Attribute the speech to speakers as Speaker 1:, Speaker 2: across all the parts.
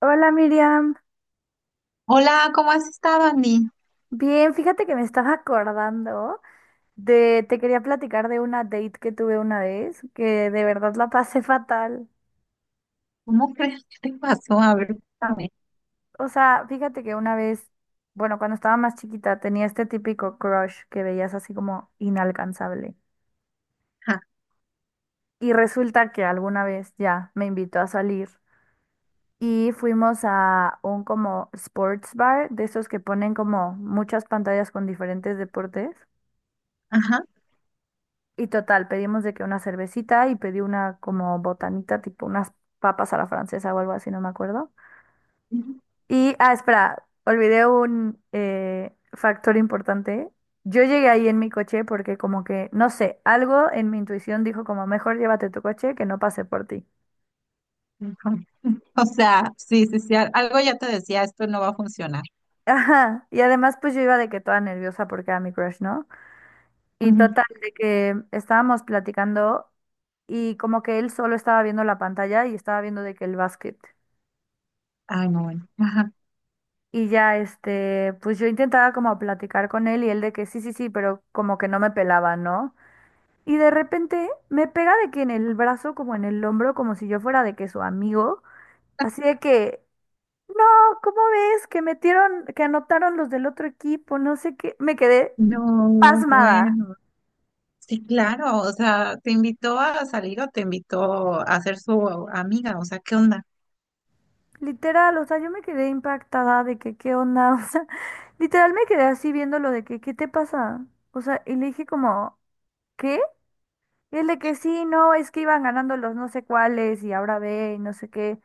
Speaker 1: Hola, Miriam.
Speaker 2: Hola, ¿cómo has estado, Andy?
Speaker 1: Bien, fíjate que me estaba acordando de, te quería platicar de una date que tuve una vez, que de verdad la pasé fatal.
Speaker 2: ¿Cómo crees qué te pasó? A ver, cuéntame.
Speaker 1: O sea, fíjate que una vez, bueno, cuando estaba más chiquita tenía este típico crush que veías así como inalcanzable.
Speaker 2: Ajá.
Speaker 1: Y resulta que alguna vez ya me invitó a salir y fuimos a un como sports bar, de esos que ponen como muchas pantallas con diferentes deportes.
Speaker 2: Ajá.
Speaker 1: Y total, pedimos de que una cervecita y pedí una como botanita, tipo unas papas a la francesa o algo así, no me acuerdo.
Speaker 2: Ujú.
Speaker 1: Y, ah, espera, olvidé un factor importante. Yo llegué ahí en mi coche porque como que, no sé, algo en mi intuición dijo como, mejor llévate tu coche que no pase por ti.
Speaker 2: Ujú. O sea, sí, sí, sí, algo ya te decía, esto no va a funcionar.
Speaker 1: Ajá, y además pues yo iba de que toda nerviosa porque era mi crush, ¿no? Y
Speaker 2: Ujú.
Speaker 1: total, de que estábamos platicando y como que él solo estaba viendo la pantalla y estaba viendo de que el básquet.
Speaker 2: Ay, no, bueno. Ajá.
Speaker 1: Y ya, este, pues yo intentaba como platicar con él y él de que sí, sí, sí, pero como que no me pelaba, ¿no? Y de repente me pega de que en el brazo, como en el hombro, como si yo fuera de que su amigo, así de que, no, ¿cómo ves? Que metieron, que anotaron los del otro equipo, no sé qué, me quedé
Speaker 2: No,
Speaker 1: pasmada.
Speaker 2: bueno. Sí, claro, o sea, te invitó a salir o te invitó a ser su amiga, o sea, ¿qué onda?
Speaker 1: Literal, o sea, yo me quedé impactada de que, ¿qué onda? O sea, literal me quedé así viéndolo de que, ¿qué te pasa? O sea, y le dije como, ¿qué? Y dile que sí, no, es que iban ganando los no sé cuáles y ahora ve y no sé qué.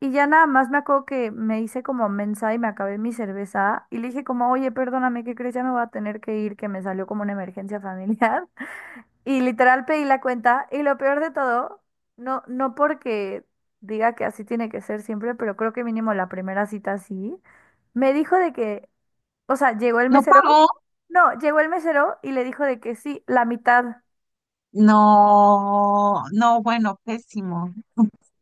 Speaker 1: Y ya nada más me acuerdo que me hice como mensa y me acabé mi cerveza y le dije como, oye, perdóname, ¿qué crees? Ya me voy a tener que ir, que me salió como una emergencia familiar. Y literal pedí la cuenta y lo peor de todo, no, no porque diga que así tiene que ser siempre, pero creo que mínimo la primera cita sí, me dijo de que, o sea, llegó el
Speaker 2: ¿No
Speaker 1: mesero,
Speaker 2: pagó?
Speaker 1: no, llegó el mesero y le dijo de que sí, la mitad.
Speaker 2: No, no, bueno, pésimo. O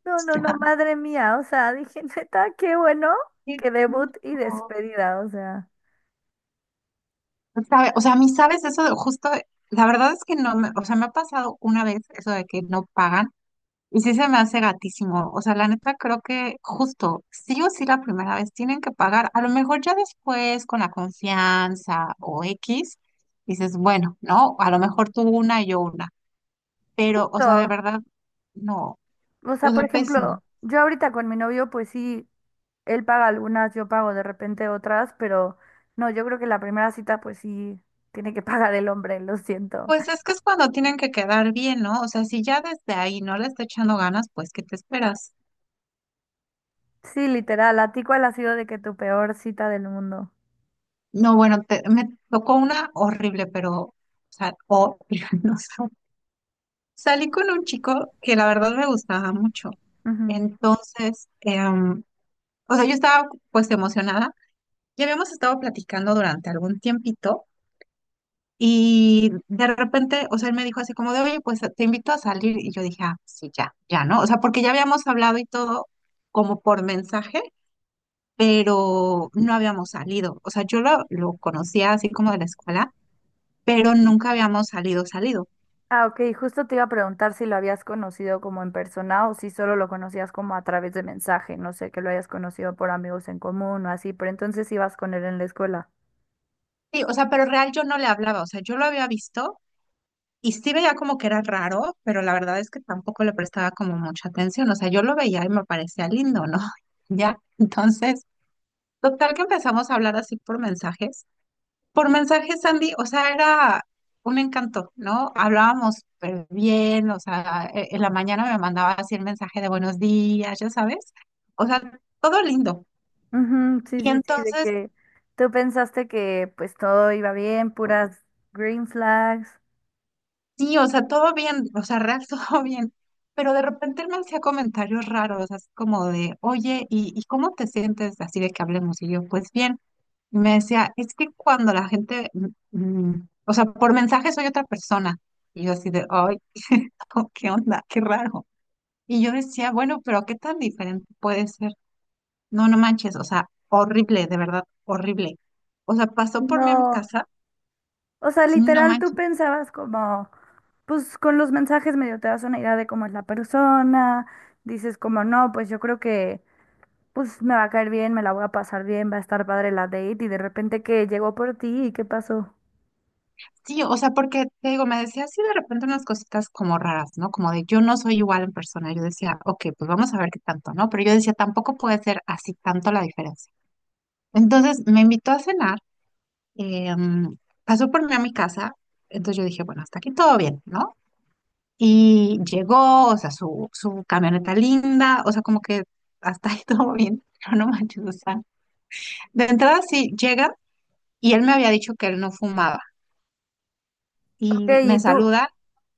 Speaker 1: No, no, no,
Speaker 2: sea,
Speaker 1: madre mía, o sea, dije, neta, qué bueno
Speaker 2: qué
Speaker 1: que
Speaker 2: triste.
Speaker 1: debut y despedida, o sea,
Speaker 2: ¿Sabe? O sea, a mí, ¿sabes eso de justo? La verdad es que no me, o sea, me ha pasado una vez eso de que no pagan y sí se me hace gatísimo. O sea, la neta creo que justo, sí o sí la primera vez tienen que pagar. A lo mejor ya después con la confianza o X, dices, bueno, ¿no? A lo mejor tú una y yo una. Pero, o sea, de
Speaker 1: todo.
Speaker 2: verdad, no.
Speaker 1: O sea,
Speaker 2: O
Speaker 1: por
Speaker 2: sea, pésimo.
Speaker 1: ejemplo, yo ahorita con mi novio, pues sí, él paga algunas, yo pago de repente otras, pero no, yo creo que la primera cita, pues sí, tiene que pagar el hombre, lo siento.
Speaker 2: Pues es que es cuando tienen que quedar bien, ¿no? O sea, si ya desde ahí no le está echando ganas, pues, ¿qué te esperas?
Speaker 1: Sí, literal, ¿a ti cuál ha sido de que tu peor cita del mundo?
Speaker 2: No, bueno, me tocó una horrible, pero, o sea, horrible, no sé. Salí con un chico que la verdad me gustaba mucho.
Speaker 1: Ujú.
Speaker 2: Entonces, o sea, yo estaba pues emocionada. Ya habíamos estado platicando durante algún tiempito y de repente, o sea, él me dijo así como de, oye, pues te invito a salir. Y yo dije, ah, sí, ya, ya, ¿no? O sea, porque ya habíamos hablado y todo como por mensaje, pero no habíamos salido. O sea, yo lo conocía así como de la escuela, pero nunca habíamos salido, salido.
Speaker 1: Ah, ok, justo te iba a preguntar si lo habías conocido como en persona o si solo lo conocías como a través de mensaje, no sé, que lo hayas conocido por amigos en común o así, pero entonces ibas con él en la escuela.
Speaker 2: Sí, o sea, pero real yo no le hablaba, o sea, yo lo había visto y sí veía como que era raro, pero la verdad es que tampoco le prestaba como mucha atención, o sea, yo lo veía y me parecía lindo, ¿no? Ya, entonces, total que empezamos a hablar así por mensajes. Por mensajes, Sandy, o sea, era un encanto, ¿no? Hablábamos súper bien, o sea, en la mañana me mandaba así el mensaje de buenos días, ya sabes, o sea, todo lindo.
Speaker 1: Ujú, sí,
Speaker 2: Y
Speaker 1: sí, sí, de
Speaker 2: entonces.
Speaker 1: que tú pensaste que pues todo iba bien, puras green flags.
Speaker 2: Sí, o sea, todo bien, o sea, real, todo bien. Pero de repente él me hacía comentarios raros, así como de, oye, ¿y cómo te sientes así de que hablemos? Y yo, pues bien. Y me decía, es que cuando la gente, o sea, por mensaje soy otra persona. Y yo así de, ay, ¿qué onda? Qué raro. Y yo decía, bueno, pero ¿qué tan diferente puede ser? No, no manches, o sea, horrible, de verdad, horrible. O sea, pasó por mí a mi
Speaker 1: No,
Speaker 2: casa,
Speaker 1: o sea,
Speaker 2: sí, no
Speaker 1: literal tú
Speaker 2: manches.
Speaker 1: pensabas como, pues con los mensajes medio te das una idea de cómo es la persona, dices como, no, pues yo creo que pues me va a caer bien, me la voy a pasar bien, va a estar padre la date y de repente que llegó por ti y qué pasó.
Speaker 2: Sí, o sea, porque te digo, me decía así de repente unas cositas como raras, ¿no? Como de yo no soy igual en persona. Yo decía, ok, pues vamos a ver qué tanto, ¿no? Pero yo decía, tampoco puede ser así tanto la diferencia. Entonces me invitó a cenar, eh, pasó por mí a mi casa, entonces yo dije, bueno, hasta aquí todo bien, ¿no? Y llegó, o sea, su camioneta linda, o sea, como que hasta ahí todo bien, pero no manches, o sea, de entrada sí llega, y él me había dicho que él no fumaba,
Speaker 1: Ok,
Speaker 2: y me saluda.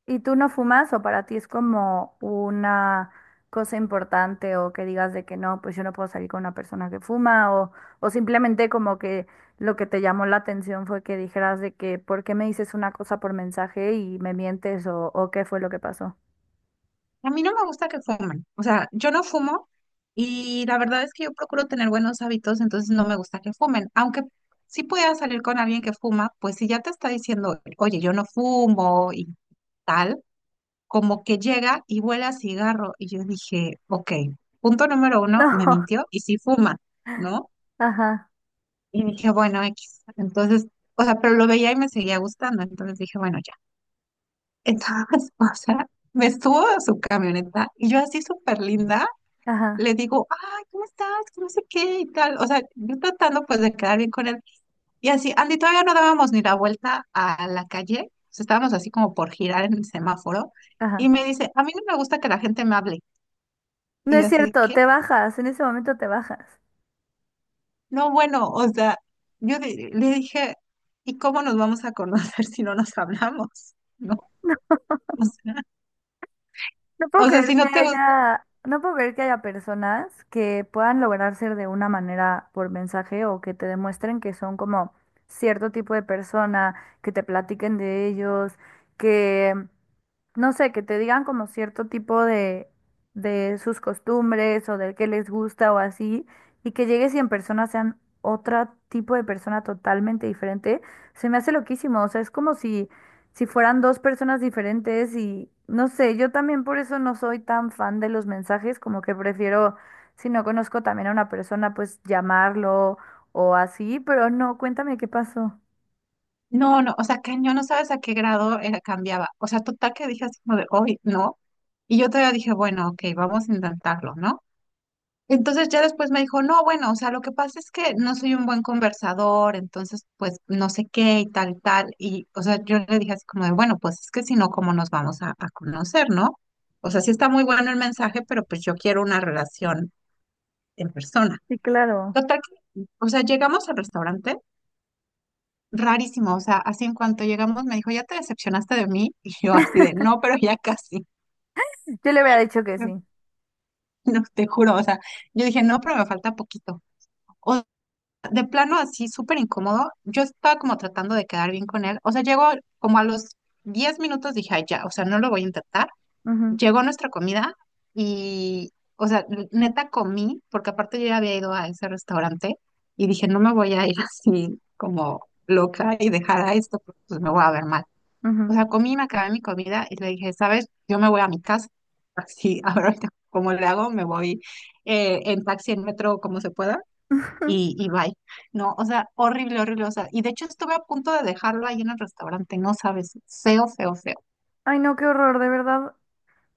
Speaker 1: y tú no fumas o para ti es como una cosa importante o que digas de que no, pues yo no puedo salir con una persona que fuma o simplemente como que lo que te llamó la atención fue que dijeras de que ¿por qué me dices una cosa por mensaje y me mientes o qué fue lo que pasó?
Speaker 2: A mí no me gusta que fumen. O sea, yo no fumo y la verdad es que yo procuro tener buenos hábitos, entonces no me gusta que fumen. Aunque sí pueda salir con alguien que fuma, pues si ya te está diciendo, oye, yo no fumo y tal, como que llega y huele a cigarro. Y yo dije, ok, punto número uno, me mintió y sí fuma, ¿no?
Speaker 1: No, ajá,
Speaker 2: Y dije, bueno, X. Entonces, o sea, pero lo veía y me seguía gustando. Entonces dije, bueno, ya. Entonces, o sea, me estuvo a su camioneta y yo así súper linda.
Speaker 1: ajá,
Speaker 2: Le digo, ay, ¿cómo estás? Que no sé qué y tal. O sea, yo tratando pues de quedar bien con él. Y así, Andy, todavía no dábamos ni la vuelta a la calle. O sea, estábamos así como por girar en el semáforo. Y
Speaker 1: ajá.
Speaker 2: me dice, a mí no me gusta que la gente me hable.
Speaker 1: No
Speaker 2: Y yo
Speaker 1: es
Speaker 2: así,
Speaker 1: cierto,
Speaker 2: ¿qué?
Speaker 1: te bajas, en ese momento te bajas.
Speaker 2: No, bueno, o sea, yo le dije, ¿y cómo nos vamos a conocer si no nos hablamos? ¿No? O sea,
Speaker 1: No puedo creer
Speaker 2: si
Speaker 1: que
Speaker 2: no te gusta.
Speaker 1: haya, no puedo creer que haya personas que puedan lograr ser de una manera por mensaje o que te demuestren que son como cierto tipo de persona, que te platiquen de ellos, que, no sé, que te digan como cierto tipo de sus costumbres o de qué les gusta o así, y que llegues y en persona sean otro tipo de persona totalmente diferente, se me hace loquísimo. O sea, es como si si fueran dos personas diferentes y no sé, yo también por eso no soy tan fan de los mensajes, como que prefiero, si no conozco también a una persona, pues llamarlo o así, pero no, cuéntame qué pasó.
Speaker 2: No, no, o sea, que yo no sabes a qué grado era, cambiaba. O sea, total que dije así como de hoy, no. Y yo todavía dije, bueno, ok, vamos a intentarlo, ¿no? Entonces ya después me dijo, no, bueno, o sea, lo que pasa es que no soy un buen conversador, entonces pues no sé qué y tal, tal. Y, o sea, yo le dije así como de, bueno, pues es que si no, ¿cómo nos vamos a conocer, no? O sea, sí está muy bueno el mensaje, pero pues yo quiero una relación en persona.
Speaker 1: Sí, claro.
Speaker 2: Total que, o sea, llegamos al restaurante rarísimo, o sea, así en cuanto llegamos me dijo, ¿ya te decepcionaste de mí? Y yo así de, no, pero ya casi,
Speaker 1: Yo le había dicho que sí.
Speaker 2: no, te juro, o sea, yo dije, no, pero me falta poquito. O de plano así, súper incómodo, yo estaba como tratando de quedar bien con él, o sea, llegó como a los 10 minutos, dije, ay, ya, o sea, no lo voy a intentar.
Speaker 1: Ujú,
Speaker 2: Llegó nuestra comida y, o sea, neta comí, porque aparte yo ya había ido a ese restaurante y dije, no me voy a ir así como loca y dejar a esto, porque pues me voy a ver mal. O
Speaker 1: ujú.
Speaker 2: sea, comí, me acabé mi comida y le dije, ¿sabes? Yo me voy a mi casa. Así, ahora ahorita, cómo le hago, me voy en taxi, en metro, como se pueda, y bye. No, o sea, horrible, horrible. O sea, y de hecho estuve a punto de dejarlo ahí en el restaurante, no sabes, feo, feo, feo.
Speaker 1: Ay, no, qué horror, de verdad.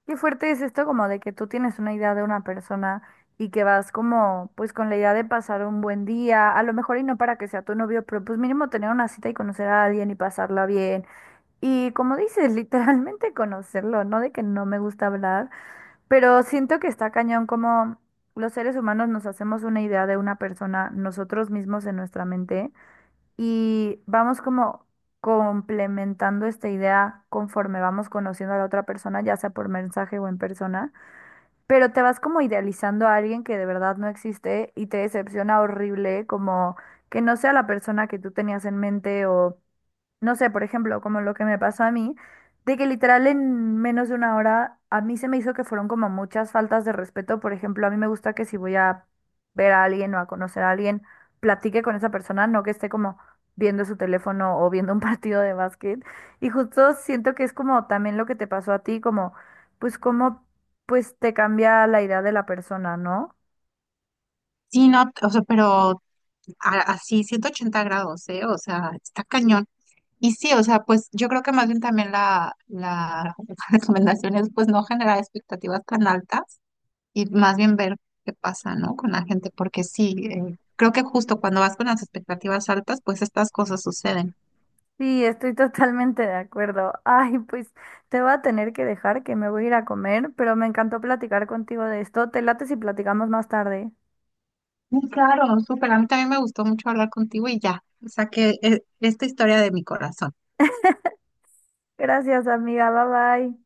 Speaker 1: Qué fuerte es esto como de que tú tienes una idea de una persona y que vas como pues con la idea de pasar un buen día, a lo mejor y no para que sea tu novio, pero pues mínimo tener una cita y conocer a alguien y pasarla bien. Y como dices, literalmente conocerlo, no de que no me gusta hablar, pero siento que está cañón como los seres humanos nos hacemos una idea de una persona nosotros mismos en nuestra mente y vamos como complementando esta idea conforme vamos conociendo a la otra persona, ya sea por mensaje o en persona, pero te vas como idealizando a alguien que de verdad no existe y te decepciona horrible como que no sea la persona que tú tenías en mente o no sé, por ejemplo, como lo que me pasó a mí, de que literal en menos de una hora a mí se me hizo que fueron como muchas faltas de respeto. Por ejemplo, a mí me gusta que si voy a ver a alguien o a conocer a alguien, platique con esa persona, no que esté como viendo su teléfono o viendo un partido de básquet. Y justo siento que es como también lo que te pasó a ti, como pues cómo pues te cambia la idea de la persona, ¿no?
Speaker 2: Sí, no, o sea, pero así, 180 grados, ¿eh? O sea, está cañón. Y sí, o sea, pues yo creo que más bien también la recomendación es pues no generar expectativas tan altas y más bien ver qué pasa, ¿no? Con la gente, porque sí, creo que justo cuando vas con las expectativas altas, pues estas cosas suceden.
Speaker 1: Sí, estoy totalmente de acuerdo. Ay, pues te voy a tener que dejar que me voy a ir a comer, pero me encantó platicar contigo de esto. Te late si platicamos más tarde.
Speaker 2: Muy claro, súper. A mí también me gustó mucho hablar contigo y ya, saqué esta historia de mi corazón.
Speaker 1: Gracias, amiga. Bye bye.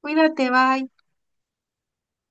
Speaker 2: Cuídate, bye.